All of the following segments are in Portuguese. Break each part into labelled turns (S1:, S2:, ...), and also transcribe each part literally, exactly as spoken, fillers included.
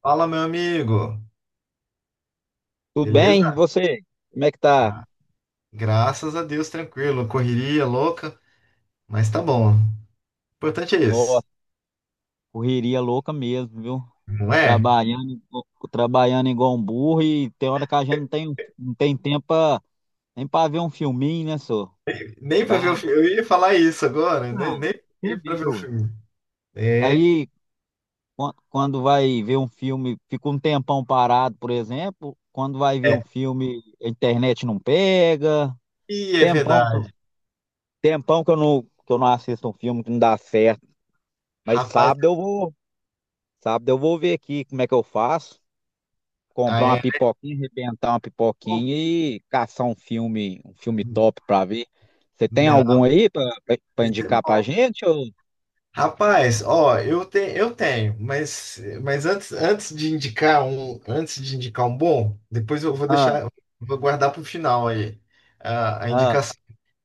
S1: Fala, meu amigo.
S2: Tudo bem? E
S1: Beleza?
S2: você? Como é que tá?
S1: Graças a Deus, tranquilo. Correria louca, mas tá bom. O importante é
S2: Nossa,
S1: isso,
S2: correria louca mesmo, viu?
S1: não é?
S2: Trabalhando, igual- trabalhando igual um burro, e tem hora que a gente não tem, não tem tempo pra- nem pra ver um filminho, né, senhor?
S1: Nem pra ver o
S2: Brabo.
S1: filme. Eu ia falar isso agora, né?
S2: Não,
S1: Nem,
S2: você
S1: nem pra ver o
S2: viu.
S1: filme. É,
S2: Aí, quan- quando vai ver um filme, fica um tempão parado, por exemplo. Quando vai ver
S1: é.
S2: um filme, a internet não pega.
S1: E é
S2: Tempão, senhor.
S1: verdade.
S2: Tempão que eu não, que eu não assisto um filme que não dá certo. Mas
S1: Rapaz,
S2: sábado eu vou, Sábado eu vou ver aqui como é que eu faço.
S1: ah,
S2: Comprar uma
S1: é.
S2: pipoquinha, arrebentar uma
S1: Pô,
S2: pipoquinha e caçar um filme, um filme top pra ver. Você tem
S1: não,
S2: algum aí pra, pra, pra
S1: isso é
S2: indicar
S1: bom.
S2: pra gente? Ou...
S1: Rapaz, ó, eu, te, eu tenho, mas, mas antes, antes de indicar um, antes de indicar um bom, depois eu vou
S2: Ah,
S1: deixar, vou guardar pro final aí, a, a
S2: ah,
S1: indicação.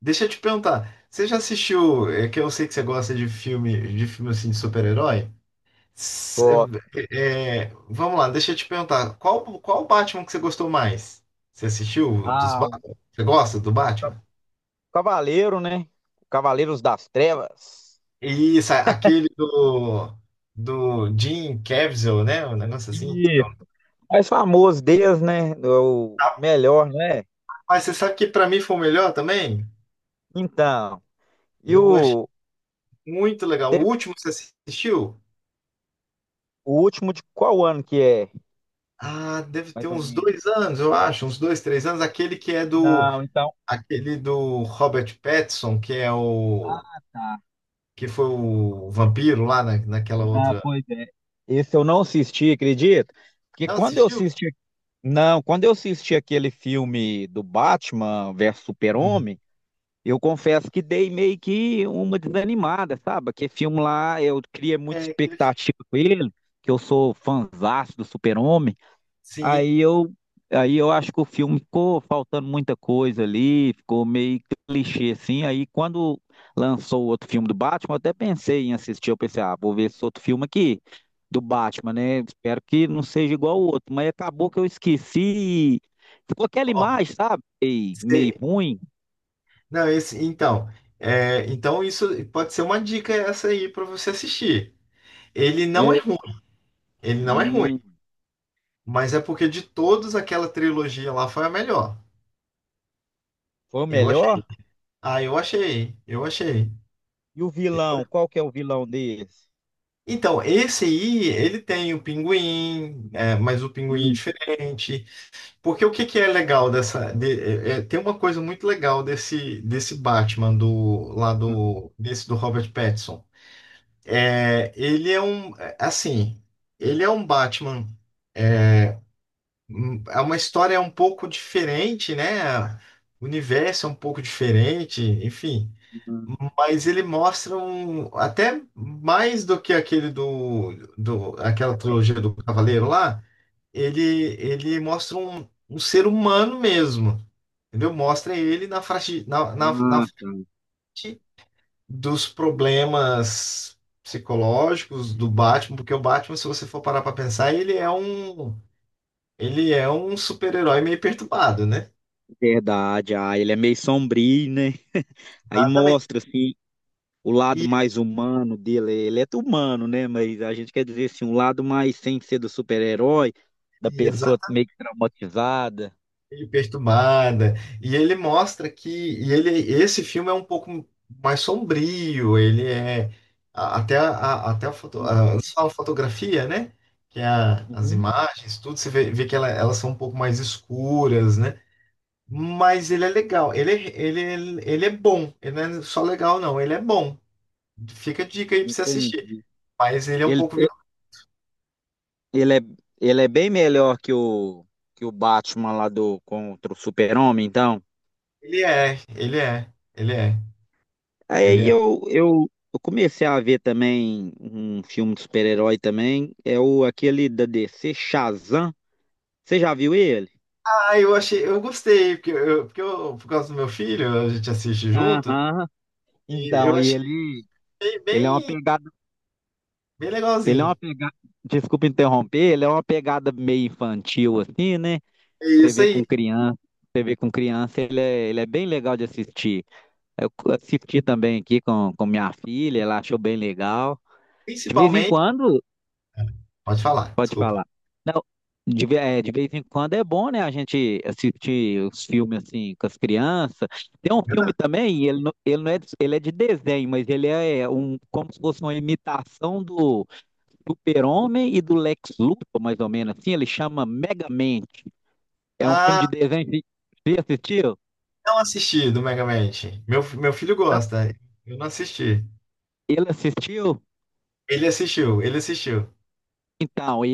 S1: Deixa eu te perguntar, você já assistiu, é que eu sei que você gosta de filme, de filme assim de super-herói? S-
S2: gosto.
S1: é, é, vamos lá, deixa eu te perguntar, qual qual Batman que você gostou mais? Você assistiu dos
S2: Ah, o
S1: Batman? Você gosta do Batman?
S2: Cavaleiro, né? Cavaleiros das Trevas.
S1: Isso, aquele do do Jim Caviezel, né? Um negócio assim.
S2: Isso. Mais famoso deles, né? O melhor, né?
S1: Mas você sabe que pra mim foi o melhor também?
S2: Então, e
S1: Eu achei
S2: o,
S1: muito legal. O
S2: te-
S1: último você assistiu?
S2: o último de qual ano que é?
S1: Ah, deve ter
S2: Mais ou
S1: uns
S2: menos.
S1: dois anos, eu acho, uns dois, três anos. Aquele que é do
S2: Não, então.
S1: Aquele do Robert Pattinson, que é o
S2: Ah, tá.
S1: que foi o vampiro lá na, naquela
S2: Ah,
S1: outra.
S2: pois é. Esse eu não assisti, acredito. Porque
S1: Não
S2: quando eu
S1: assistiu?
S2: assisti, não, quando eu assisti aquele filme do Batman versus
S1: Sim.
S2: Super-Homem, eu confesso que dei meio que uma desanimada, sabe? Aquele filme lá, eu criei muita
S1: É, aquele fi-
S2: expectativa com ele, que eu sou fãzaço do Super-Homem.
S1: sim.
S2: Aí eu, aí eu acho que o filme ficou faltando muita coisa ali, ficou meio clichê assim. Aí quando lançou o outro filme do Batman, eu até pensei em assistir. Eu pensei, ah, vou ver esse outro filme aqui do Batman, né? Espero que não seja igual o outro. Mas acabou que eu esqueci. e Ficou aquela
S1: Ó,
S2: imagem, sabe? Meio, meio
S1: se-
S2: ruim.
S1: Não, esse, então, é, então isso pode ser uma dica essa aí para você assistir. Ele não é
S2: É,
S1: ruim, ele não é ruim,
S2: hum,
S1: mas é porque de todos aquela trilogia lá foi a melhor.
S2: foi o
S1: Eu achei.
S2: melhor?
S1: Ah, eu achei, eu achei.
S2: E o vilão? Qual que é o vilão desse?
S1: Então, esse aí, ele tem o pinguim, é, mas o pinguim é
S2: Hum,
S1: diferente. Porque o que que é legal dessa. de- é- é- Tem uma coisa muito legal desse, desse Batman do lá do desse do Robert Pattinson. É, ele é um é, assim, ele é um Batman. é, hum, É uma história um pouco diferente, né? O universo é um pouco diferente, enfim.
S2: hum,
S1: Mas ele mostra um, até mais do que aquele do, do aquela trilogia do Cavaleiro lá. Ele ele mostra um, um ser humano mesmo, entendeu? Mostra ele na frente, na, na, na
S2: ah,
S1: frente
S2: tá.
S1: dos problemas psicológicos do Batman, porque o Batman, se você for parar para pensar, ele é um, ele é um super-herói meio perturbado, né?
S2: Verdade, ah, ele é meio sombrio, né? Aí
S1: Exatamente.
S2: mostra assim o lado
S1: E,
S2: mais humano dele. Ele é humano, né? Mas a gente quer dizer assim, um lado mais sem ser do super-herói, da
S1: e exa-
S2: pessoa meio que traumatizada.
S1: meio perturbada. E ele mostra que e ele, esse filme é um pouco mais sombrio, ele é a- até a, a- até a, foto, a,
S2: Uhum,
S1: eles falam fotografia, né? Que é a- as
S2: uhum,
S1: imagens, tudo, você vê, vê que ela- elas são um pouco mais escuras, né? Mas ele é legal, ele, é- ele, é- ele é bom, ele não é só legal, não, ele é bom. Fica a dica aí pra você assistir.
S2: entendi.
S1: Mas ele é um
S2: Ele,
S1: pouco violento.
S2: ele é, ele é bem melhor que o, que o Batman lá do contra o Super-Homem, então.
S1: Ele é, ele é, ele é, ele
S2: Aí
S1: é.
S2: eu, eu, eu comecei a ver também um filme de super-herói também, é o aquele da D C, Shazam. Você já viu ele?
S1: Ah, eu achei, eu gostei, porque eu, porque eu- por causa do meu filho, a gente assiste junto,
S2: Aham.
S1: e eu
S2: Então, e
S1: achei
S2: ele,
S1: bem,
S2: ele é uma
S1: bem,
S2: pegada,
S1: bem
S2: ele é
S1: legalzinho.
S2: uma pegada, desculpa interromper, ele é uma pegada meio infantil assim, né?
S1: É
S2: Você
S1: isso
S2: vê
S1: aí.
S2: com criança, você vê com criança, ele é, ele é bem legal de assistir. Eu assisti também aqui com, com minha filha, ela achou bem legal. De vez em
S1: Principalmente.
S2: quando,
S1: Pode falar,
S2: pode
S1: desculpa.
S2: falar. Não, de, ve- é, de vez em quando é bom, né? A gente assistir os filmes assim com as crianças. Tem um
S1: Verdade.
S2: filme também, e ele, não- ele não é, de- ele é de desenho, mas ele é é um, como se fosse uma imitação do Super-Homem e do Lex Luthor, mais ou menos assim, ele chama Megamente. É um filme
S1: Ah,
S2: de desenho. de- Você assistiu?
S1: não assisti do Mega Man. Meu, meu filho
S2: Não.
S1: gosta, eu não assisti.
S2: Ele assistiu?
S1: Ele assistiu, ele assistiu.
S2: Então, e,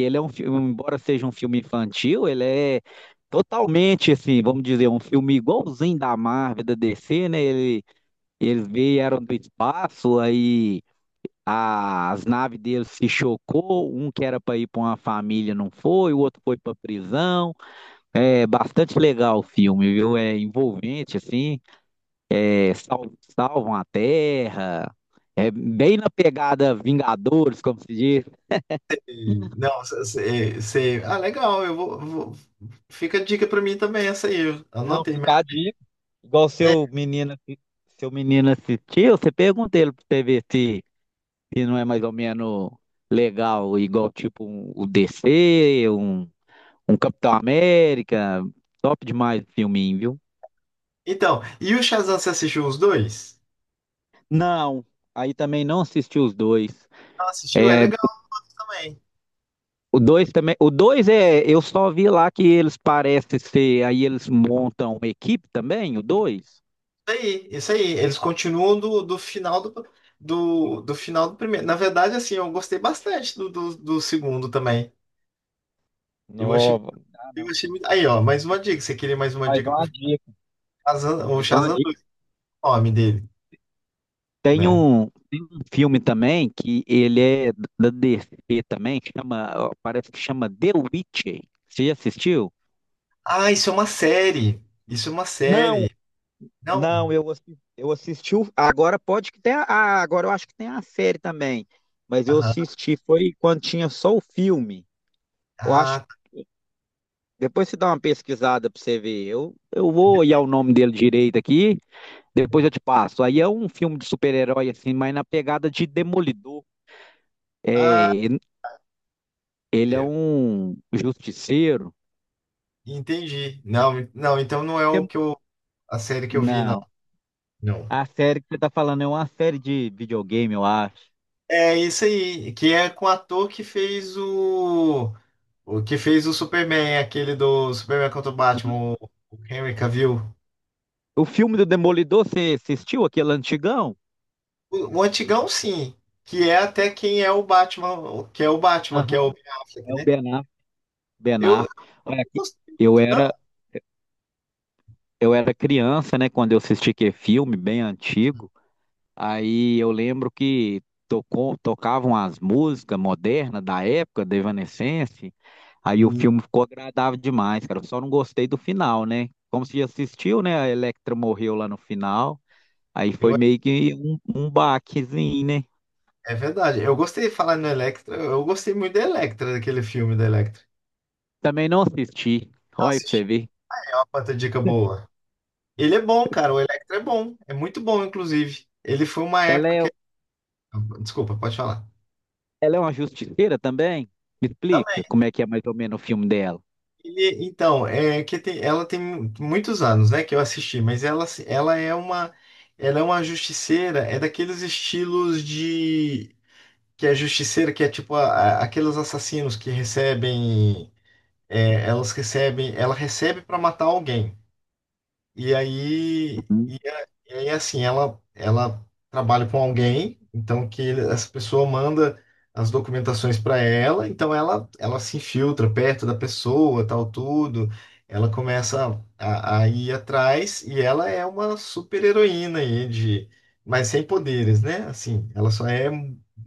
S2: e ele é um filme, embora seja um filme infantil, ele é totalmente assim, vamos dizer, um filme igualzinho da Marvel, da D C, né? Ele, eles vieram do espaço, aí a- as naves deles se chocou, um que era para ir para uma família não foi, o outro foi para prisão. É bastante legal o filme, viu? É envolvente assim. É, sal- salvam a Terra. É bem na pegada Vingadores, como se diz.
S1: Não, você. Ah, legal, eu vou, vou- fica a dica pra mim também, essa aí. Eu
S2: Não,
S1: anotei, mas
S2: fica a dica. Igual seu
S1: é.
S2: menino, assi- Seu menino assistiu, você pergunta ele pra você ver se, se não é mais ou menos legal, igual tipo um- o D C, um, um Capitão América. Top demais o filminho, viu?
S1: Então, e o Shazam, você assistiu os dois?
S2: Não, aí também não assisti os dois.
S1: Não assistiu? É legal também.
S2: O dois também. O dois é. Eu só vi lá que eles parecem ser. Aí eles montam uma equipe também, o dois
S1: Isso aí, isso aí. Eles continuam do, do final do, do, do final do primeiro. Na verdade, assim, eu gostei bastante do, do, do segundo também. Eu achei,
S2: Nova. Ah,
S1: eu
S2: não.
S1: achei muito. Aí, ó, mais uma dica. Você queria mais uma
S2: Mais
S1: dica pro
S2: uma dica.
S1: Shazam, o
S2: Mais uma
S1: Shazam
S2: dica.
S1: dois o nome dele,
S2: Tem
S1: né?
S2: um, tem um filme também que ele é da D C também, chama, parece que chama The Witcher. Você já assistiu?
S1: Ah, isso é uma série. Isso é uma
S2: Não,
S1: série. Não?
S2: não, eu assisti, eu assisti. o- Agora pode que tenha. Ah, agora eu acho que tem a série também. Mas eu
S1: Aham.
S2: assisti, foi quando tinha só o filme. Eu acho
S1: Ah,
S2: depois você dá uma pesquisada pra você ver. Eu, eu vou olhar o nome dele direito aqui, depois eu te passo. Aí é um filme de super-herói, assim, mas na pegada de Demolidor. É,
S1: Ah,
S2: ele é
S1: eu
S2: um justiceiro.
S1: entendi. Não, não, então não é o
S2: É-
S1: que eu, a série que eu vi, não.
S2: Não,
S1: Não.
S2: a série que você tá falando é uma série de videogame, eu acho.
S1: É isso aí, que é com o ator que fez o, o que fez o Superman, aquele do Superman contra o
S2: Uhum.
S1: Batman, o, o Henry Cavill.
S2: O filme do Demolidor, você assistiu aquele antigão?
S1: O, o antigão, sim, que é até quem é o Batman, o- que é o Batman, que
S2: Aham.
S1: é o Ben Affleck,
S2: É o
S1: né?
S2: Ben Affleck. Ben
S1: Eu, eu
S2: Affleck. Olha
S1: não
S2: aqui,
S1: gostei
S2: eu
S1: muito, não.
S2: era, eu era criança, né, quando eu assisti aquele filme, bem antigo. Aí eu lembro que tocou, tocavam as músicas modernas da época, da Evanescence. Aí o
S1: E
S2: filme ficou agradável demais, cara. Eu só não gostei do final, né? Como se assistiu, né? A Electra morreu lá no final. Aí
S1: eu,
S2: foi meio que um, um baquezinho, né?
S1: é verdade, eu gostei de falar no Electra, eu gostei muito da Electra, daquele filme da Electra.
S2: Também não assisti.
S1: Eu
S2: Olha pra você
S1: assisti,
S2: ver.
S1: é uma puta dica boa. Ele é bom, cara. O Electra é bom. É muito bom, inclusive. Ele foi uma
S2: Ela
S1: época
S2: é,
S1: que. Desculpa, pode falar.
S2: ela é uma justiceira também? Me
S1: Também.
S2: explica como é que é mais ou menos o filme dela.
S1: Ele- então, é que tem- ela tem muitos anos, né, que eu assisti, mas ela, se- ela é uma. Ela é uma justiceira, é daqueles estilos de. Que é justiceira, que é tipo a- a- aqueles assassinos que recebem. É, elas recebem. Ela recebe para matar alguém. E aí. E aí, assim, ela, ela trabalha com alguém, então que ele- essa pessoa manda as documentações para ela, então ela, ela se infiltra perto da pessoa, tal, tudo. Ela começa a, a ir atrás e ela é uma super-heroína aí de, mas sem poderes, né? Assim, ela só é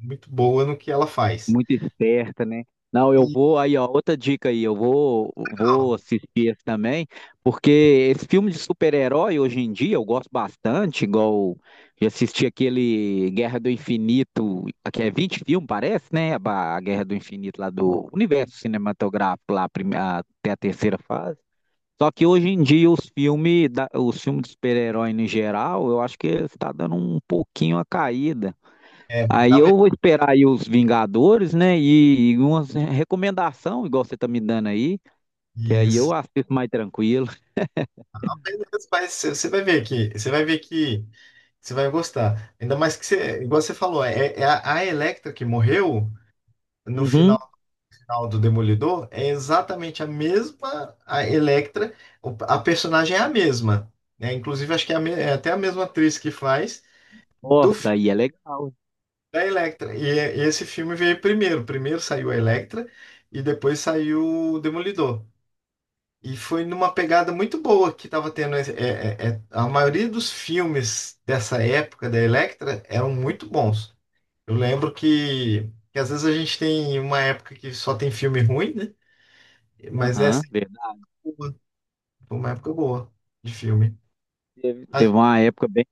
S1: muito boa no que ela faz.
S2: Muito esperta, né? Não, eu
S1: E,
S2: vou aí, ó, outra dica aí, eu vou vou assistir esse também, porque esse filme de super-herói hoje em dia eu gosto bastante, igual eu assisti aquele Guerra do Infinito, que é vinte filmes, parece, né? A ba- a Guerra do Infinito lá do universo cinematográfico lá, a prime- a- até a terceira fase. Só que hoje em dia os filmes, da- os filmes de super-herói em geral, eu acho que está dando um pouquinho a caída.
S1: é,
S2: Aí
S1: dá
S2: eu vou esperar aí os Vingadores, né? E, e uma recomendação, igual você tá me dando aí, que aí eu
S1: mesmo.
S2: assisto mais tranquilo.
S1: Mas você você vai ver que, você vai ver que você vai gostar. Ainda mais que você, igual você falou, é, é a, a Electra que morreu no final,
S2: Uhum.
S1: final do Demolidor é exatamente a mesma a Electra, o- a personagem é a mesma, né? Inclusive acho que é, a me- é até a mesma atriz que faz do
S2: Nossa,
S1: filme
S2: aí é legal.
S1: da Electra. E, é- e esse filme veio primeiro, primeiro saiu a Electra e depois saiu o Demolidor. E foi numa pegada muito boa que estava tendo. É, é- é- a maioria dos filmes dessa época da Electra eram muito bons. Eu lembro que, que às vezes a gente tem uma época que só tem filme ruim, né? Mas essa
S2: Aham, verdade.
S1: foi uma foi uma época boa de filme.
S2: Teve
S1: A-
S2: teve uma época bem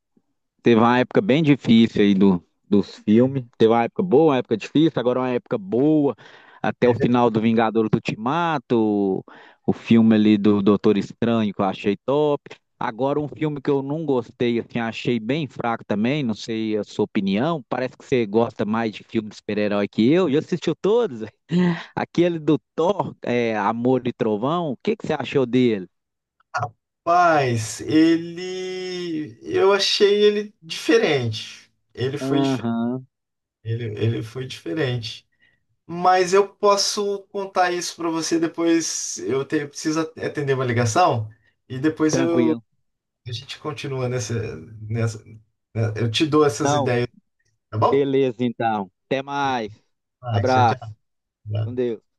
S2: Teve uma época bem difícil aí do, dos filmes. Teve uma época boa, uma época difícil, agora uma época boa. Até o
S1: é,
S2: final do Vingadores Ultimato, o, o filme ali do Doutor Estranho, que eu achei top. Agora, um filme que eu não gostei, assim, achei bem fraco também, não sei a sua opinião. Parece que você gosta mais de filme de super-herói que eu, e assistiu todos. Aquele do Thor, é, Amor e Trovão, o que que você achou dele?
S1: Mas ele. Eu achei ele diferente. Ele foi, dif-
S2: Aham,
S1: ele, ele foi diferente. Mas eu posso contar isso para você depois. Eu, te- eu preciso atender uma ligação e depois eu,
S2: tranquilo.
S1: a gente continua nessa, nessa. Né, eu te dou essas ideias, tá bom?
S2: Beleza, então. Até mais.
S1: Ah, tchau,
S2: Abraço.
S1: tchau.
S2: Com Deus.